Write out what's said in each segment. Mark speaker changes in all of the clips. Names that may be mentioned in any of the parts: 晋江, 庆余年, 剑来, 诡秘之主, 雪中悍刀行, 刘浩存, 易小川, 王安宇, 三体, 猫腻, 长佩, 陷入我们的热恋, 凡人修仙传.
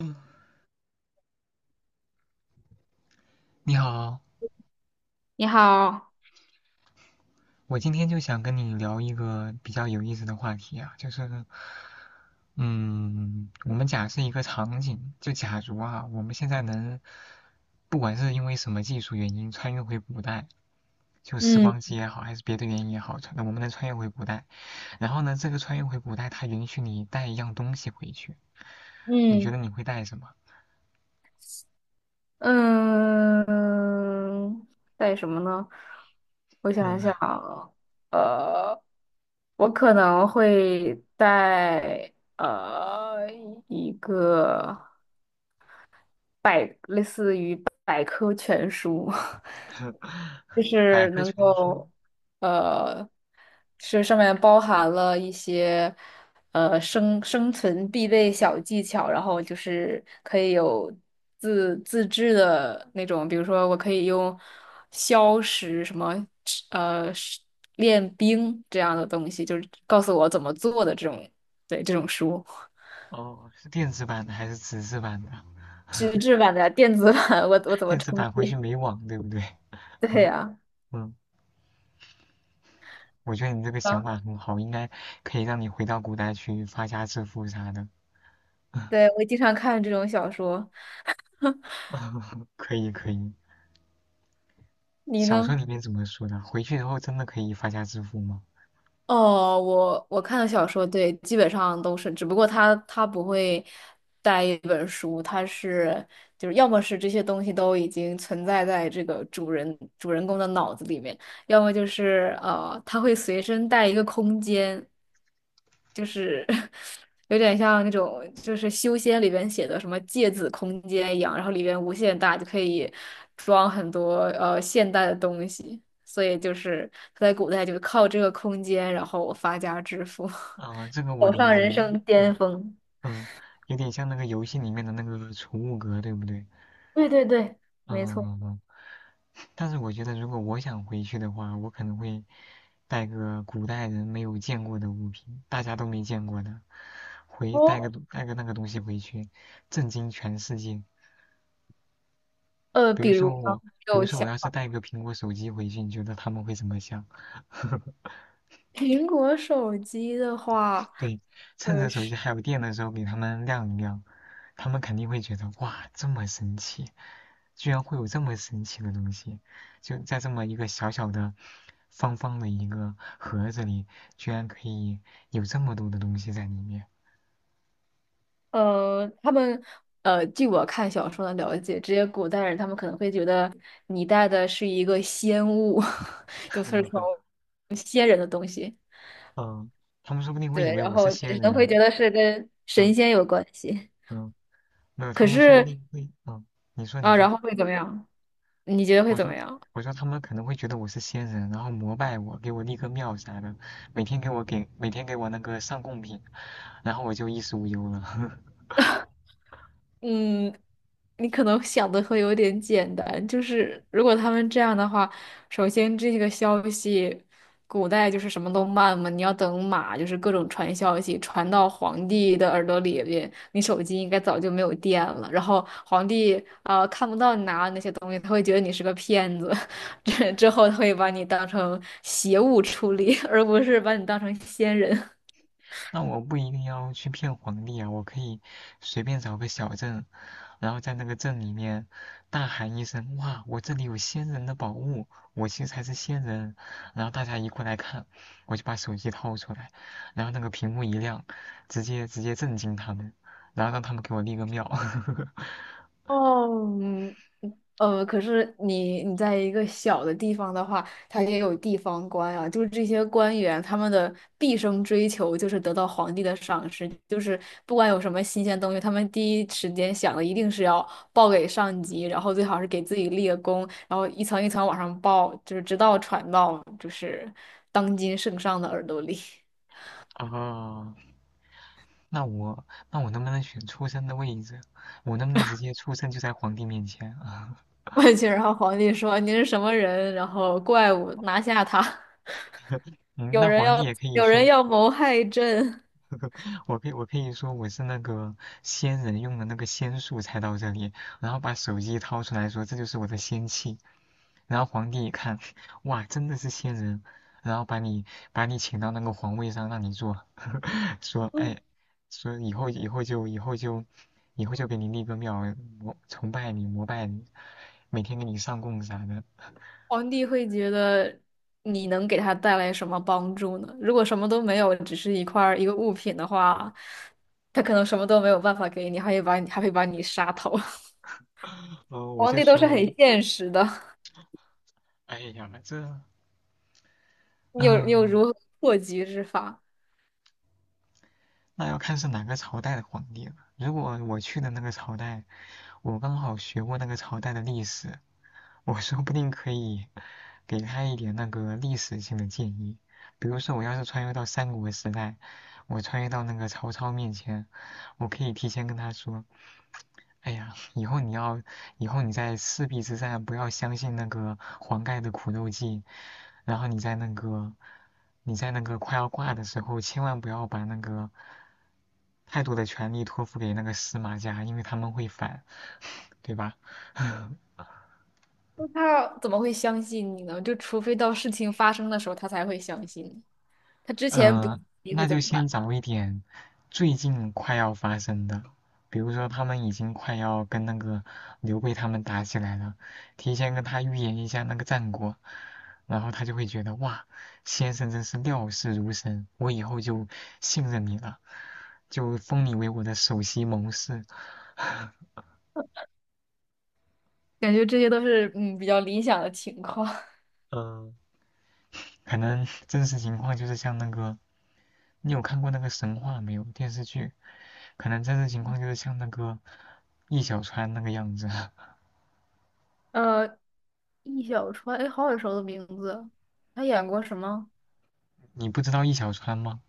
Speaker 1: 嗯，你好，
Speaker 2: 你好。
Speaker 1: 我今天就想跟你聊一个比较有意思的话题啊，就是，嗯，我们假设一个场景，就假如啊，我们现在能，不管是因为什么技术原因穿越回古代，就时
Speaker 2: 嗯
Speaker 1: 光机也好，还是别的原因也好，那我们能穿越回古代，然后呢，这个穿越回古代，它允许你带一样东西回去，你觉得
Speaker 2: 嗯，
Speaker 1: 你会带什么？
Speaker 2: 嗯，带什么呢？我想
Speaker 1: 嗯，
Speaker 2: 一想啊，呃，我可能会带一个类似于百科全书。就
Speaker 1: 百
Speaker 2: 是
Speaker 1: 科
Speaker 2: 能
Speaker 1: 全书，
Speaker 2: 够，呃，是上面包含了一些，生存必备小技巧，然后就是可以有自制的那种，比如说我可以用消食什么，是练兵这样的东西，就是告诉我怎么做的这种，对，这种书。
Speaker 1: 哦，是电子版的还是纸质版的？
Speaker 2: 纸质版的、电子版，我怎么
Speaker 1: 电子
Speaker 2: 充
Speaker 1: 版回去
Speaker 2: 电？
Speaker 1: 没网，对不对？
Speaker 2: 对
Speaker 1: 嗯
Speaker 2: 呀。
Speaker 1: 嗯，我觉得你这个想
Speaker 2: 啊，
Speaker 1: 法很好，应该可以让你回到古代去发家致富啥的。
Speaker 2: 对，我经常看这种小说。
Speaker 1: 可以可以，
Speaker 2: 你
Speaker 1: 小
Speaker 2: 呢？
Speaker 1: 说里面怎么说的？回去以后真的可以发家致富吗？
Speaker 2: 哦，我看的小说，对，基本上都是，只不过他不会带一本书，他是就是要么是这些东西都已经存在在这个主人公的脑子里面，要么就是他会随身带一个空间，就是 有点像那种就是修仙里边写的什么芥子空间一样，然后里边无限大，就可以装很多现代的东西。所以就是他在古代就靠这个空间，然后发家致富。
Speaker 1: 啊、这个我
Speaker 2: 走
Speaker 1: 理
Speaker 2: 上人
Speaker 1: 解。
Speaker 2: 生
Speaker 1: 嗯
Speaker 2: 巅峰。
Speaker 1: 嗯，有点像那个游戏里面的那个储物格，对不对？
Speaker 2: 对对对，
Speaker 1: 嗯
Speaker 2: 没错。
Speaker 1: 嗯嗯。但是我觉得如果我想回去的话，我可能会带个古代人没有见过的物品，大家都没见过的，回带个
Speaker 2: 哦，
Speaker 1: 带个那个东西回去，震惊全世界。比
Speaker 2: 比
Speaker 1: 如
Speaker 2: 如
Speaker 1: 说
Speaker 2: 呢，
Speaker 1: 我，
Speaker 2: 你
Speaker 1: 比如
Speaker 2: 有
Speaker 1: 说我
Speaker 2: 想
Speaker 1: 要是
Speaker 2: 法？
Speaker 1: 带一个苹果手机回去，你觉得他们会怎么想？
Speaker 2: 苹果手机的话，
Speaker 1: 对，趁着
Speaker 2: 呃
Speaker 1: 手
Speaker 2: 是
Speaker 1: 机还有电的时候给他们亮一亮，他们肯定会觉得哇，这么神奇，居然会有这么神奇的东西，就在这么一个小小的、方方的一个盒子里，居然可以有这么多的东西在里面。
Speaker 2: 呃，他们据我看小说的了解，这些古代人他们可能会觉得你带的是一个仙物，就是从 仙人的东西，
Speaker 1: 嗯，他们说不定会以
Speaker 2: 对，
Speaker 1: 为
Speaker 2: 然
Speaker 1: 我是
Speaker 2: 后
Speaker 1: 仙
Speaker 2: 只能会
Speaker 1: 人。
Speaker 2: 觉得是跟
Speaker 1: 嗯
Speaker 2: 神仙有关系。
Speaker 1: 嗯，没有，他
Speaker 2: 可
Speaker 1: 们说不
Speaker 2: 是
Speaker 1: 定会，你说你
Speaker 2: 啊，
Speaker 1: 说。
Speaker 2: 然后会怎么样？你觉得会
Speaker 1: 我
Speaker 2: 怎么
Speaker 1: 说
Speaker 2: 样？
Speaker 1: 我说他们可能会觉得我是仙人，然后膜拜我，给我立个庙啥的，每天给我那个上贡品，然后我就衣食无忧了。
Speaker 2: 嗯，你可能想的会有点简单，就是如果他们这样的话，首先这个消息，古代就是什么都慢嘛，你要等马，就是各种传消息传到皇帝的耳朵里边，你手机应该早就没有电了，然后皇帝看不到你拿的那些东西，他会觉得你是个骗子，之后他会把你当成邪物处理，而不是把你当成仙人。
Speaker 1: 那我不一定要去骗皇帝啊，我可以随便找个小镇，然后在那个镇里面大喊一声：“哇，我这里有仙人的宝物，我其实才是仙人。”然后大家一过来看，我就把手机掏出来，然后那个屏幕一亮，直接震惊他们，然后让他们给我立个庙。
Speaker 2: 哦，嗯可是你在一个小的地方的话，他也有地方官啊，就是这些官员他们的毕生追求就是得到皇帝的赏识，就是不管有什么新鲜东西，他们第一时间想的一定是要报给上级，然后最好是给自己立个功，然后一层一层往上报，就是直到传到就是当今圣上的耳朵里。
Speaker 1: 哦，那我能不能选出生的位置？我能不能直接出生就在皇帝面前啊？
Speaker 2: 过去，然后皇帝说您是什么人，然后怪物拿下他。
Speaker 1: 嗯，
Speaker 2: 有
Speaker 1: 那
Speaker 2: 人
Speaker 1: 皇帝
Speaker 2: 要
Speaker 1: 也可以
Speaker 2: 有人
Speaker 1: 说，
Speaker 2: 要谋害朕。
Speaker 1: 我可以说我是那个仙人用的那个仙术才到这里，然后把手机掏出来说这就是我的仙气。然后皇帝一看，哇，真的是仙人，然后把你请到那个皇位上让你做，说哎，说以后就给你立个庙，膜拜你，每天给你上供啥的。
Speaker 2: 皇帝会觉得你能给他带来什么帮助呢？如果什么都没有，只是一块儿一个物品的话，他可能什么都没有办法给你，还会把你杀头。
Speaker 1: 哦，我
Speaker 2: 皇
Speaker 1: 就
Speaker 2: 帝都是
Speaker 1: 说，
Speaker 2: 很现实的，
Speaker 1: 哎呀，
Speaker 2: 你有
Speaker 1: 嗯、
Speaker 2: 如何破局之法？
Speaker 1: 那要看是哪个朝代的皇帝了。如果我去的那个朝代，我刚好学过那个朝代的历史，我说不定可以给他一点那个历史性的建议。比如说，我要是穿越到三国时代，我穿越到那个曹操面前，我可以提前跟他说，哎呀，以后你要，以后你在赤壁之战不要相信那个黄盖的苦肉计，然后你在那个，你在那个快要挂的时候，千万不要把那个太多的权力托付给那个司马家，因为他们会反，对吧？
Speaker 2: 那他怎么会相信你呢？就除非到事情发生的时候，他才会相信你。他之前不，
Speaker 1: 呃，
Speaker 2: 你会
Speaker 1: 那
Speaker 2: 怎
Speaker 1: 就
Speaker 2: 么办？
Speaker 1: 先找一点最近快要发生的，比如说他们已经快要跟那个刘备他们打起来了，提前跟他预言一下那个战果，然后他就会觉得哇，先生真是料事如神，我以后就信任你了，就封你为我的首席谋士。
Speaker 2: 感觉这些都是比较理想的情况。
Speaker 1: 嗯、可能真实情况就是像那个，你有看过那个神话没有？电视剧，可能真实情况就是像那个易小川那个样子。
Speaker 2: 呃，易小川，哎，好耳熟的名字。他演过什么？
Speaker 1: 你不知道易小川吗？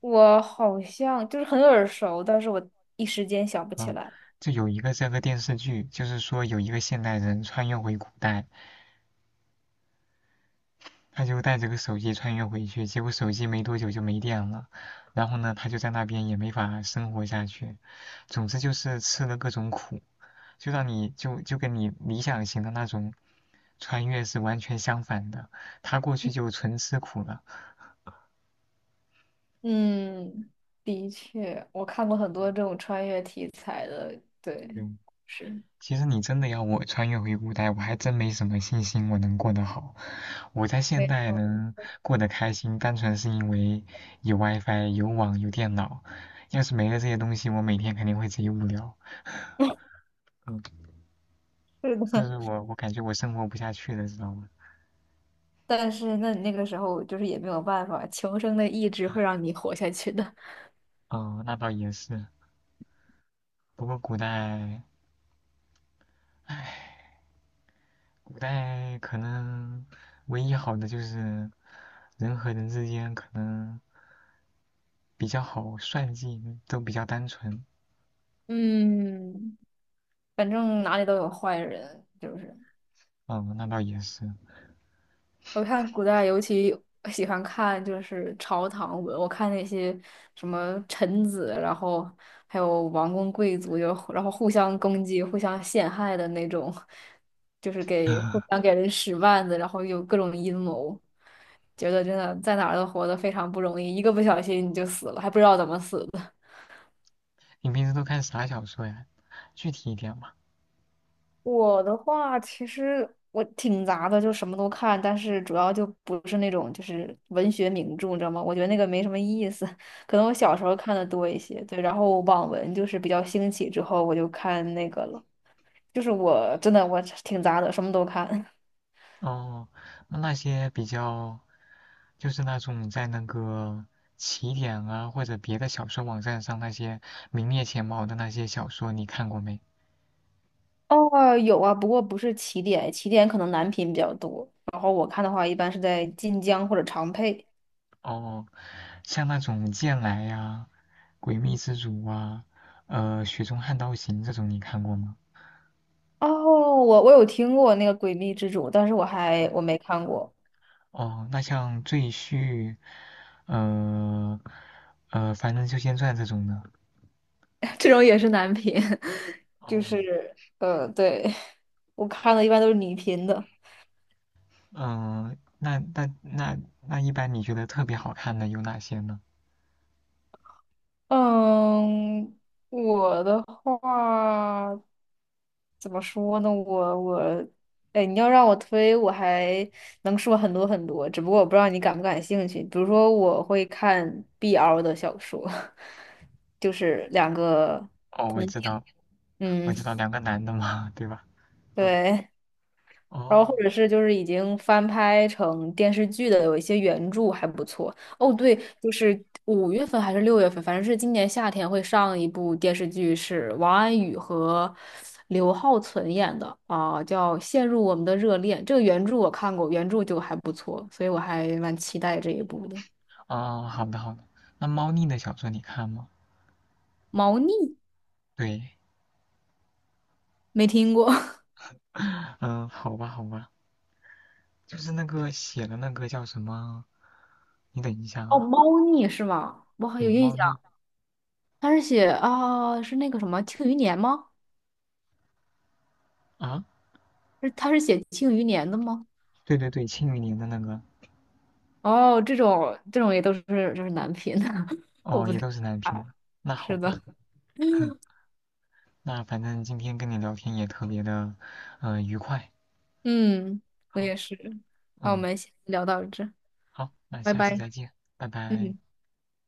Speaker 2: 我好像就是很耳熟，但是我一时间想不起
Speaker 1: 嗯，
Speaker 2: 来。
Speaker 1: 就有一个这个电视剧，就是说有一个现代人穿越回古代，他就带着个手机穿越回去，结果手机没多久就没电了，然后呢，他就在那边也没法生活下去，总之就是吃了各种苦。就让你就就跟你理想型的那种穿越是完全相反的。他过去就纯吃苦了。
Speaker 2: 嗯，的确，我看过很多这种穿越题材的，对，
Speaker 1: 嗯，
Speaker 2: 是，
Speaker 1: 其实你真的要我穿越回古代，我还真没什么信心我能过得好。我在现
Speaker 2: 没
Speaker 1: 代
Speaker 2: 错，
Speaker 1: 能过得开心，单纯是因为有 WiFi、有网、有电脑。要是没了这些东西，我每天肯定会贼无聊。嗯，
Speaker 2: 是
Speaker 1: 就
Speaker 2: 的。
Speaker 1: 是我感觉我生活不下去了，知道吗？
Speaker 2: 但是那你那个时候就是也没有办法，求生的意志会让你活下去的。
Speaker 1: 哦，那倒也是。不过古代可能唯一好的就是人和人之间可能比较好算计，都比较单纯。
Speaker 2: 嗯，反正哪里都有坏人，就是。
Speaker 1: 嗯，那倒也是。
Speaker 2: 我看古代尤其喜欢看就是朝堂文，我看那些什么臣子，然后还有王公贵族，就然后互相攻击、互相陷害的那种，就是给互相 给人使绊子，然后有各种阴谋，觉得真的在哪儿都活得非常不容易，一个不小心你就死了，还不知道怎么死的。
Speaker 1: 你平时都看啥小说呀？具体一点嘛。
Speaker 2: 我的话，其实我挺杂的，就什么都看，但是主要就不是那种就是文学名著，你知道吗？我觉得那个没什么意思。可能我小时候看的多一些，对，然后网文就是比较兴起之后，我就看那个了。就是我真的我挺杂的，什么都看。
Speaker 1: 哦，那那些比较，就是那种在那个起点啊或者别的小说网站上那些名列前茅的那些小说，你看过没？
Speaker 2: 哦，有啊，不过不是起点，起点可能男频比较多，然后我看的话一般是在晋江或者长佩。
Speaker 1: 哦，像那种剑来呀、诡秘之主啊、雪中悍刀行这种，你看过吗？
Speaker 2: 哦，我有听过那个《诡秘之主》，但是
Speaker 1: 嗯，
Speaker 2: 我没看过。
Speaker 1: 哦，那像赘婿，呃《凡人修仙传》这种的，
Speaker 2: 这种也是男频。就
Speaker 1: 哦，
Speaker 2: 是对，我看的一般都是女频的。
Speaker 1: 嗯、那一般你觉得特别好看的有哪些呢？
Speaker 2: 嗯，我的话怎么说呢？哎，你要让我推，我还能说很多很多，只不过我不知道你感不感兴趣。比如说，我会看 BL 的小说，就是两个，
Speaker 1: 哦，我知道，我
Speaker 2: 嗯，
Speaker 1: 知道两个男的嘛，对吧？嗯，
Speaker 2: 对。然后或
Speaker 1: 哦，
Speaker 2: 者是就是已经翻拍成电视剧的，有一些原著还不错。哦，对，就是五月份还是六月份，反正是今年夏天会上一部电视剧，是王安宇和刘浩存演的啊，叫《陷入我们的热恋》。这个原著我看过，原著就还不错，所以我还蛮期待这一部的。
Speaker 1: 哦，好的好的，那猫腻的小说你看吗？
Speaker 2: 猫腻
Speaker 1: 对，
Speaker 2: 没听过。
Speaker 1: 嗯、好吧好吧，就是那个写的那个叫什么？你等一下
Speaker 2: 哦，
Speaker 1: 啊，
Speaker 2: 猫腻是吗？我好
Speaker 1: 对，
Speaker 2: 有印
Speaker 1: 猫腻
Speaker 2: 象，他是写啊，是那个什么《庆余年》吗？
Speaker 1: 啊，
Speaker 2: 是他是写《庆余年》的吗？
Speaker 1: 对对对，庆余年的那个，
Speaker 2: 哦，这种这种也都是就是男频，我
Speaker 1: 哦，
Speaker 2: 不
Speaker 1: 也
Speaker 2: 太
Speaker 1: 都是男频
Speaker 2: 啊
Speaker 1: 的。那好
Speaker 2: 是
Speaker 1: 吧，
Speaker 2: 的，
Speaker 1: 那反正今天跟你聊天也特别的，愉快。
Speaker 2: 嗯，我
Speaker 1: 好，
Speaker 2: 也是。那我
Speaker 1: 嗯，
Speaker 2: 们先聊到这，
Speaker 1: 好，那
Speaker 2: 拜
Speaker 1: 下次
Speaker 2: 拜。
Speaker 1: 再见，拜拜。
Speaker 2: 嗯。